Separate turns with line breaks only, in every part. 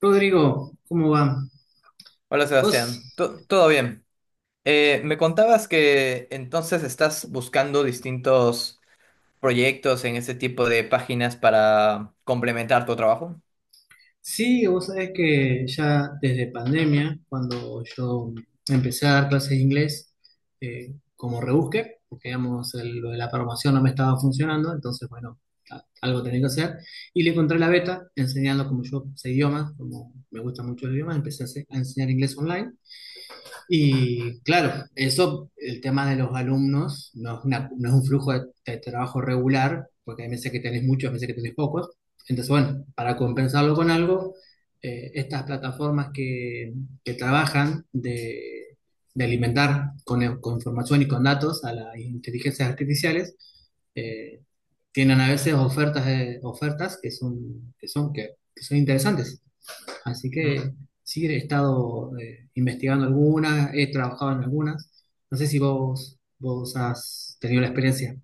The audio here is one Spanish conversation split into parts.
Rodrigo, ¿cómo va?
Hola
Vos,
Sebastián, todo bien. Me contabas que entonces estás buscando distintos proyectos en este tipo de páginas para complementar tu trabajo.
sí, vos sabés que ya desde pandemia, cuando yo empecé a dar clases de inglés, como rebusque, porque digamos, lo de la programación no me estaba funcionando, entonces, bueno, algo tenía que hacer, y le encontré la beta enseñando como yo sé idiomas, como me gusta mucho el idioma, empecé a enseñar inglés online. Y claro, eso, el tema de los alumnos no es un flujo de trabajo regular, porque hay meses que tenés muchos, hay meses que tenés pocos. Entonces, bueno, para compensarlo con algo, estas plataformas que trabajan de alimentar con información y con datos a las inteligencias artificiales, eh, tienen a veces ofertas, ofertas que son interesantes. Así
Ujú.
que sí, he estado investigando algunas, he trabajado en algunas. No sé si vos has tenido la experiencia.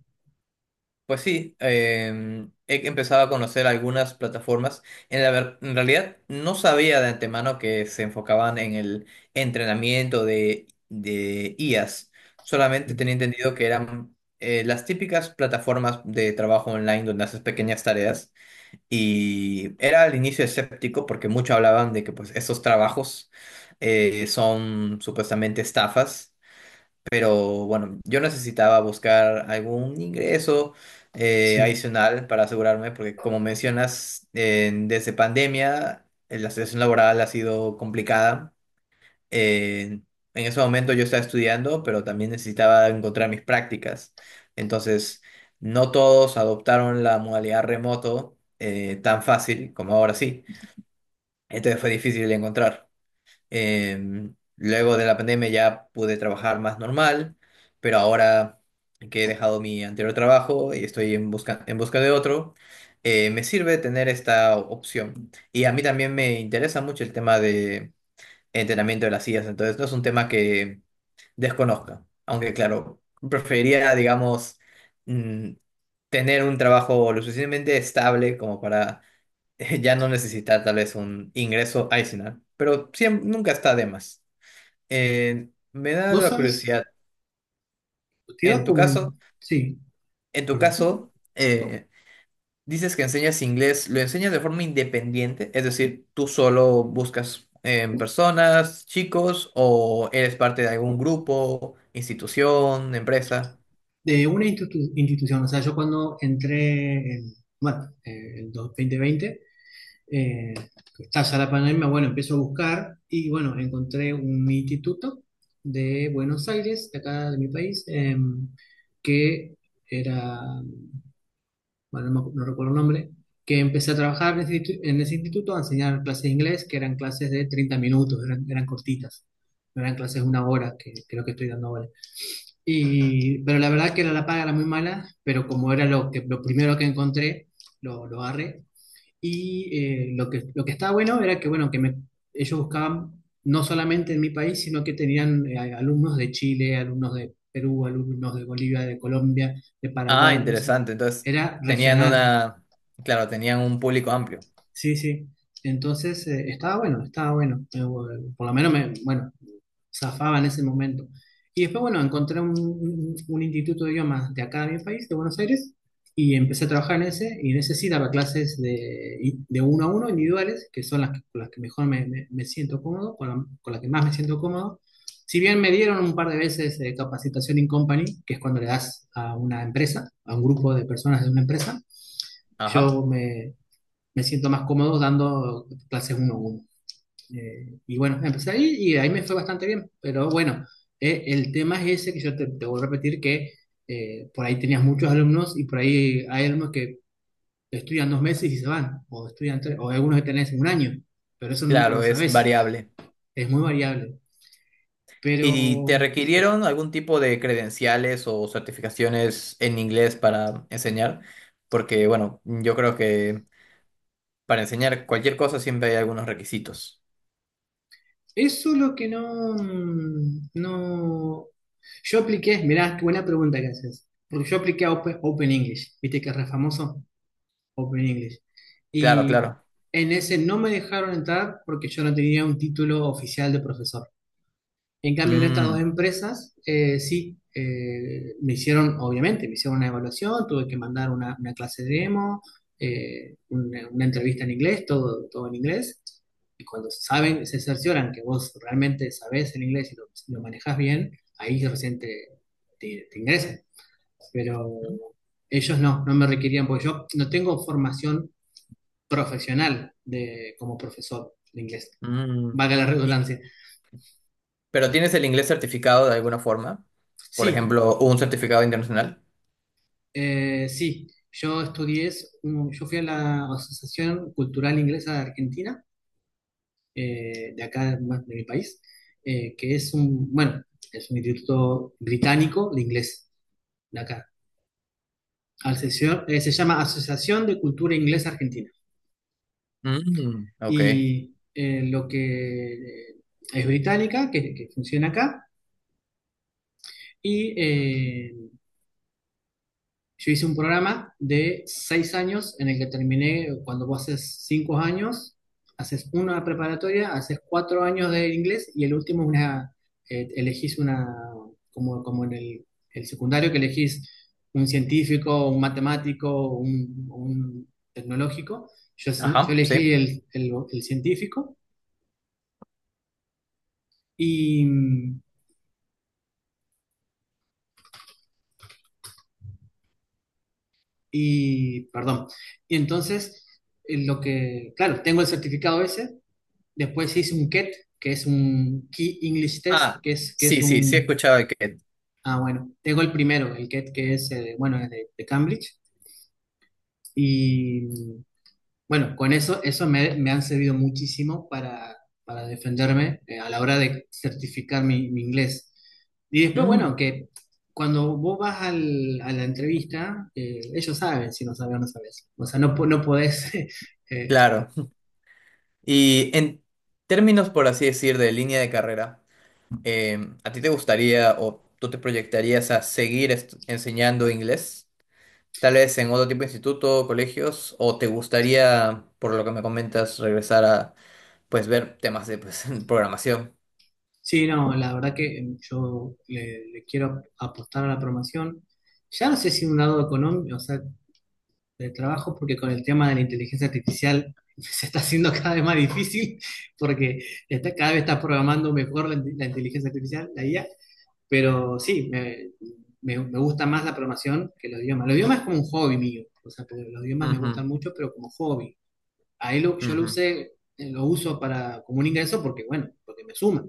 Pues sí, he empezado a conocer algunas plataformas. En realidad no sabía de antemano que se enfocaban en el entrenamiento de IAs. Solamente
Mm,
tenía entendido que eran las típicas plataformas de trabajo online donde haces pequeñas tareas. Y era al inicio escéptico porque muchos hablaban de que pues esos trabajos son supuestamente estafas, pero bueno, yo necesitaba buscar algún ingreso
sí.
adicional para asegurarme, porque como mencionas, desde pandemia la situación laboral ha sido complicada. eh, en ese momento yo estaba estudiando, pero también necesitaba encontrar mis prácticas. Entonces, no todos adoptaron la modalidad remoto tan fácil como ahora sí. Entonces fue difícil de encontrar. Eh, Luego de la pandemia ya pude trabajar más normal, pero ahora que he dejado mi anterior trabajo y estoy en busca de otro, me sirve tener esta opción. Y a mí también me interesa mucho el tema entrenamiento de las sillas. Entonces, no es un tema que desconozca. Aunque, claro, preferiría, digamos, mm, tener un trabajo lo suficientemente estable como para ya no necesitar tal vez un ingreso adicional. Pero siempre, nunca está de más. Me da
Vos
la
sabes,
curiosidad.
te iba a
En tu caso,
comen- sí,
en tu
perdón,
caso, Oh. eh, dices que enseñas inglés, ¿lo enseñas de forma independiente? Es decir, ¿tú solo buscas personas, chicos, o eres parte de algún grupo, institución, empresa?
de una institución. O sea, yo cuando entré en, bueno, el 2020, eh, está ya la pandemia, bueno, empiezo a buscar y bueno, encontré un instituto de Buenos Aires, de acá de mi país, que era bueno, no, no recuerdo el nombre, que empecé a trabajar en ese instituto a enseñar clases de inglés, que eran clases de 30 minutos, eran cortitas, no eran clases de una hora, que creo que estoy dando ahora. Y pero la verdad que la paga era muy mala, pero como era lo primero que encontré, lo agarré. Y lo que estaba bueno era que, bueno, ellos buscaban no solamente en mi país, sino que tenían alumnos de Chile, alumnos de Perú, alumnos de Bolivia, de Colombia, de
Ah,
Paraguay, o sea,
interesante. Entonces,
era
tenían
regional.
una, claro, tenían un público amplio.
Sí, sí. Entonces, estaba bueno, estaba bueno. Por lo menos me, bueno, zafaba en ese momento. Y después, bueno, encontré un instituto de idiomas de acá de mi país, de Buenos Aires, y empecé a trabajar en ese, y en ese sí daba clases de uno a uno, individuales, que son las que, con las que mejor me siento cómodo, con las que más me siento cómodo. Si bien me dieron un par de veces capacitación in company, que es cuando le das a una empresa, a un grupo de personas de una empresa,
Ajá.
yo me siento más cómodo dando clases uno a uno. Y bueno, empecé ahí y ahí me fue bastante bien, pero bueno, el tema es ese que yo te vuelvo a repetir que por ahí tenías muchos alumnos y por ahí hay alumnos que estudian 2 meses y se van, o estudian tres, o algunos que tenés un año, pero eso nunca lo
Claro, es
sabés,
variable.
es muy variable. Pero
¿Y te requirieron algún tipo de credenciales o certificaciones en inglés para enseñar? Porque, bueno, yo creo que para enseñar cualquier cosa siempre hay algunos requisitos.
eso lo que no, no, yo apliqué, mirá, qué buena pregunta que haces, porque yo apliqué a Open English, viste que es re famoso. Open English.
Claro,
Y
claro.
en ese no me dejaron entrar porque yo no tenía un título oficial de profesor. En cambio, en estas dos
Mm,
empresas, sí, me hicieron, obviamente, me hicieron una evaluación, tuve que mandar una clase de demo, una entrevista en inglés, todo, todo en inglés. Y cuando saben, se cercioran que vos realmente sabés el inglés y lo manejás bien, ahí recién te ingresan. Pero ellos no me requerían, porque yo no tengo formación profesional de, como profesor de inglés,
mm.
valga la
Y-
redundancia.
pero tienes el inglés certificado de alguna forma, por
Sí,
ejemplo, un certificado internacional.
sí, yo estudié, yo fui a la Asociación Cultural Inglesa de Argentina, de acá más de mi país, que es un, bueno, es un instituto británico de inglés, de acá. Se llama Asociación de Cultura Inglesa Argentina.
Mm, ok.
Y lo que es británica, que funciona acá, y yo hice un programa de 6 años en el que terminé, cuando vos haces 5 años, haces una preparatoria, haces 4 años de inglés y el último elegís una, como en el secundario que elegís un científico, un matemático, un tecnológico. Yo, yo
Ajá,
elegí
sí.
el científico y, perdón, y entonces lo que, claro, tengo el certificado ese. Después hice un KET, que es un Key English Test,
Ah,
que es
sí, sí, sí, he
un...
escuchado de que...
Ah, bueno, tengo el primero, el KET, que es, bueno, es de Cambridge. Y bueno, con eso me han servido muchísimo para defenderme a la hora de certificar mi inglés. Y después,
Mm,
bueno, que cuando vos vas a la entrevista, ellos saben si no sabes o no sabes. O sea, no, no podés eh,
claro. Y en términos, por así decir, de línea de carrera, ¿a ti te gustaría o tú te proyectarías a seguir enseñando inglés? Tal vez en otro tipo de instituto, colegios, o te gustaría, por lo que me comentas, regresar a pues ver temas de pues, programación.
sí, no, la verdad que yo le quiero apostar a la promoción. Ya no sé si un lado económico, o sea, de trabajo, porque con el tema de la inteligencia artificial se está haciendo cada vez más difícil, porque está, cada vez está programando mejor la inteligencia artificial, la IA. Pero sí, me gusta más la programación que los idiomas. Los idiomas es como un hobby mío, o sea, porque los idiomas me
Ujú,
gustan mucho, pero como hobby. Ahí yo lo
ujú,
usé, lo uso para, como un ingreso porque, bueno, porque me suma,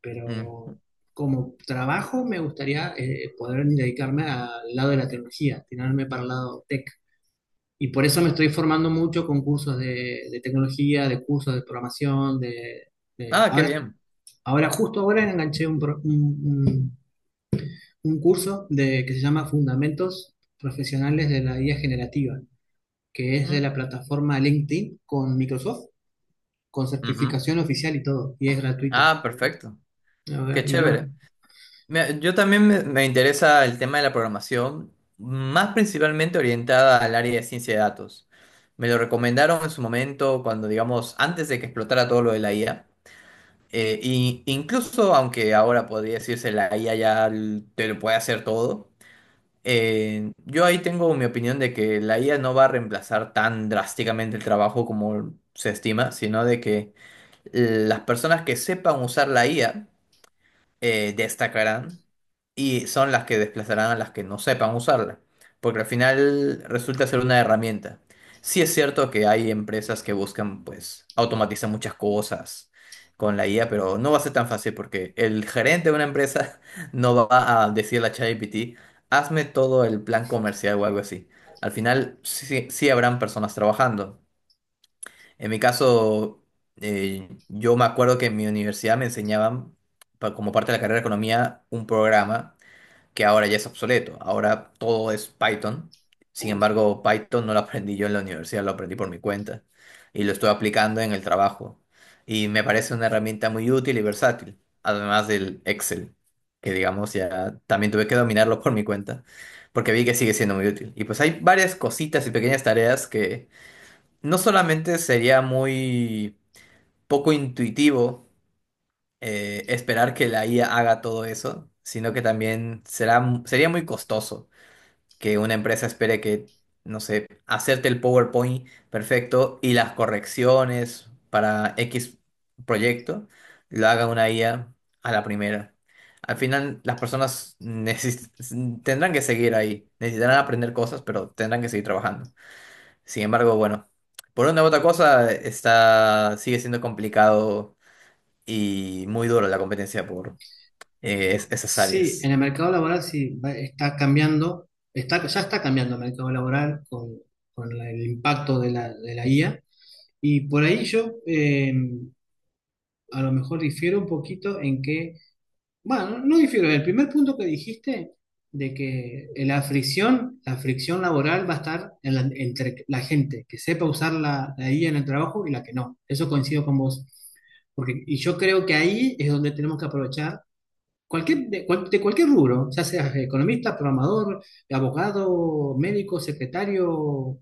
pero
mm.
como trabajo me gustaría poder dedicarme al lado de la tecnología, tirarme para el lado tech. Y por eso me estoy formando mucho con cursos de tecnología, de cursos de programación,
Ah, qué
ahora,
bien.
justo ahora enganché un, pro- un curso que se llama Fundamentos Profesionales de la IA Generativa, que es de
Mm,
la plataforma LinkedIn con Microsoft, con
ujú.
certificación oficial y todo, y es gratuito.
Ah, perfecto. Qué
Ahora. Y
chévere.
bueno,
Mira, yo también me interesa el tema de la programación, más principalmente orientada al área de ciencia de datos. Me lo recomendaron en su momento cuando, digamos, antes de que explotara todo lo de la IA. Y incluso aunque ahora podría decirse la IA ya te lo puede hacer todo. Yo ahí tengo mi opinión de que la IA no va a reemplazar tan drásticamente el trabajo como se estima, sino de que las personas que sepan usar la IA destacarán y son las que desplazarán a las que no sepan usarla, porque al final resulta ser una herramienta. Sí es cierto que hay empresas que buscan pues automatizar muchas cosas con la IA, pero no va a ser tan fácil porque el gerente de una empresa no va a decirle a ChatGPT, hazme todo el plan comercial o algo así. Al final sí, sí habrán personas trabajando, en mi caso, yo me acuerdo que en mi universidad me enseñaban, como parte de la carrera de economía, un programa que ahora ya es obsoleto. Ahora todo es Python. Sin embargo, Python no lo aprendí yo en la universidad, lo aprendí por mi cuenta y lo estoy aplicando en el trabajo. Y me parece una herramienta muy útil y versátil, además del Excel, que digamos ya también tuve que dominarlo por mi cuenta, porque vi que sigue siendo muy útil. Y pues hay varias cositas y pequeñas tareas que no solamente sería muy poco intuitivo esperar que la IA haga todo eso, sino que también sería muy costoso que una empresa espere que, no sé, hacerte el PowerPoint perfecto y las correcciones para X proyecto lo haga una IA a la primera. Al final, las personas tendrán que seguir ahí, necesitarán aprender cosas, pero tendrán que seguir trabajando. Sin embargo, bueno, por una u otra cosa está, sigue siendo complicado y muy duro la competencia por esas
sí, en
áreas.
el mercado laboral sí está cambiando, ya está cambiando el mercado laboral con el impacto de la IA. Y por ahí yo a lo mejor difiero un poquito en que, bueno, no difiero, el primer punto que dijiste de que la fricción, laboral va a estar entre la gente que sepa usar la IA en el trabajo y la que no. Eso coincido con vos. Porque, y yo creo que ahí es donde tenemos que aprovechar. De cualquier rubro, ya seas economista, programador, abogado, médico, secretario,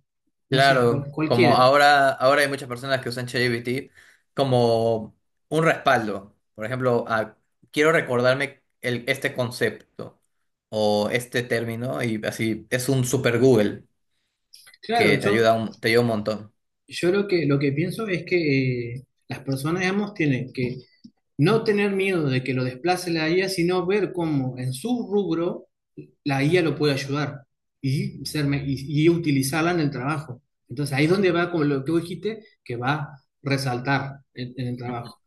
no sé,
Claro,
cual-
como
cualquiera.
ahora, ahora hay muchas personas que usan ChatGPT como un respaldo. Por ejemplo, ah, quiero recordarme el, este concepto o este término y así es un super Google que
Claro, yo,
te ayuda un montón.
yo lo que pienso es que las personas, digamos, tienen que no tener miedo de que lo desplace la IA, sino ver cómo en su rubro la IA lo puede ayudar y utilizarla en el trabajo. Entonces ahí es donde va, como lo que vos dijiste, que va a resaltar en el
Ujú.
trabajo.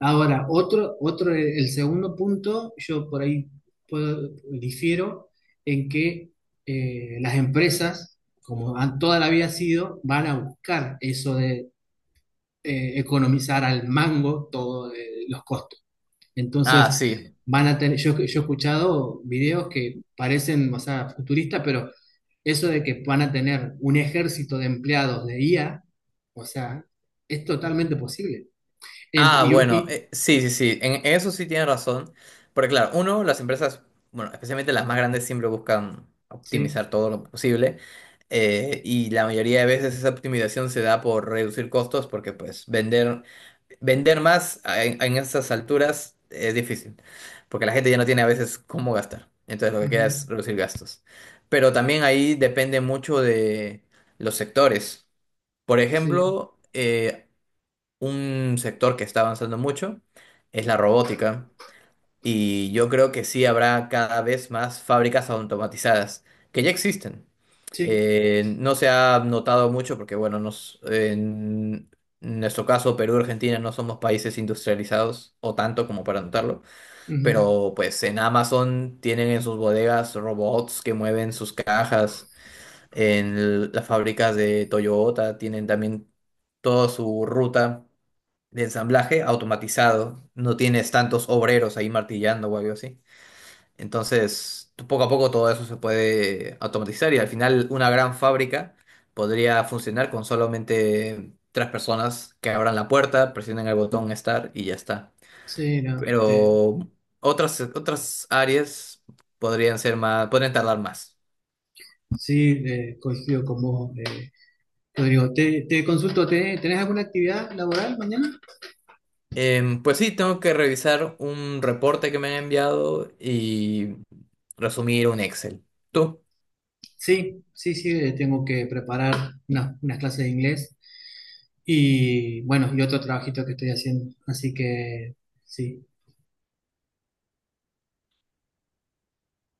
Ahora, el segundo punto, yo por ahí difiero en que las empresas, como han, toda la vida sido, van a buscar eso de economizar al mango todos los costos.
Ah,
Entonces,
sí.
van a tener, yo he escuchado videos que parecen, o sea, futuristas, pero eso de que van a tener un ejército de empleados de IA, o sea, es totalmente posible. Ent-
Ah,
y,
bueno,
y-
sí, sí, sí, en eso sí tiene razón, porque claro, uno, las empresas, bueno, especialmente las más grandes siempre buscan
sí.
optimizar todo lo posible, y la mayoría de veces esa optimización se da por reducir costos porque pues vender, vender más en estas alturas es difícil, porque la gente ya no tiene a veces cómo gastar, entonces lo que
Ujú.
queda es reducir gastos, pero también ahí depende mucho de los sectores. Por
Sí,
ejemplo, un sector que está avanzando mucho es la robótica y yo creo que sí habrá cada vez más fábricas automatizadas que ya existen.
sí.
No se ha notado mucho porque, bueno, en nuestro caso, Perú y Argentina no somos países industrializados o tanto como para notarlo,
Ujú.
pero pues en Amazon tienen en sus bodegas robots que mueven sus cajas, en las fábricas de Toyota tienen también toda su ruta de ensamblaje automatizado, no tienes tantos obreros ahí martillando o algo así. Entonces, poco a poco todo eso se puede automatizar y al final una gran fábrica podría funcionar con solamente tres personas que abran la puerta, presionen el botón Start y ya está.
Sí, no,
Pero otras, otras áreas podrían ser más, podrían tardar más.
sí, coincido con vos, Rodrigo. Te consulto, ¿tenés alguna actividad laboral mañana?
Pues sí, tengo que revisar un reporte que me han enviado y resumir un Excel. ¿Tú?
Sí, sí, sí, tengo que preparar unas clases de inglés y bueno, y otro trabajito que estoy haciendo, así que sí,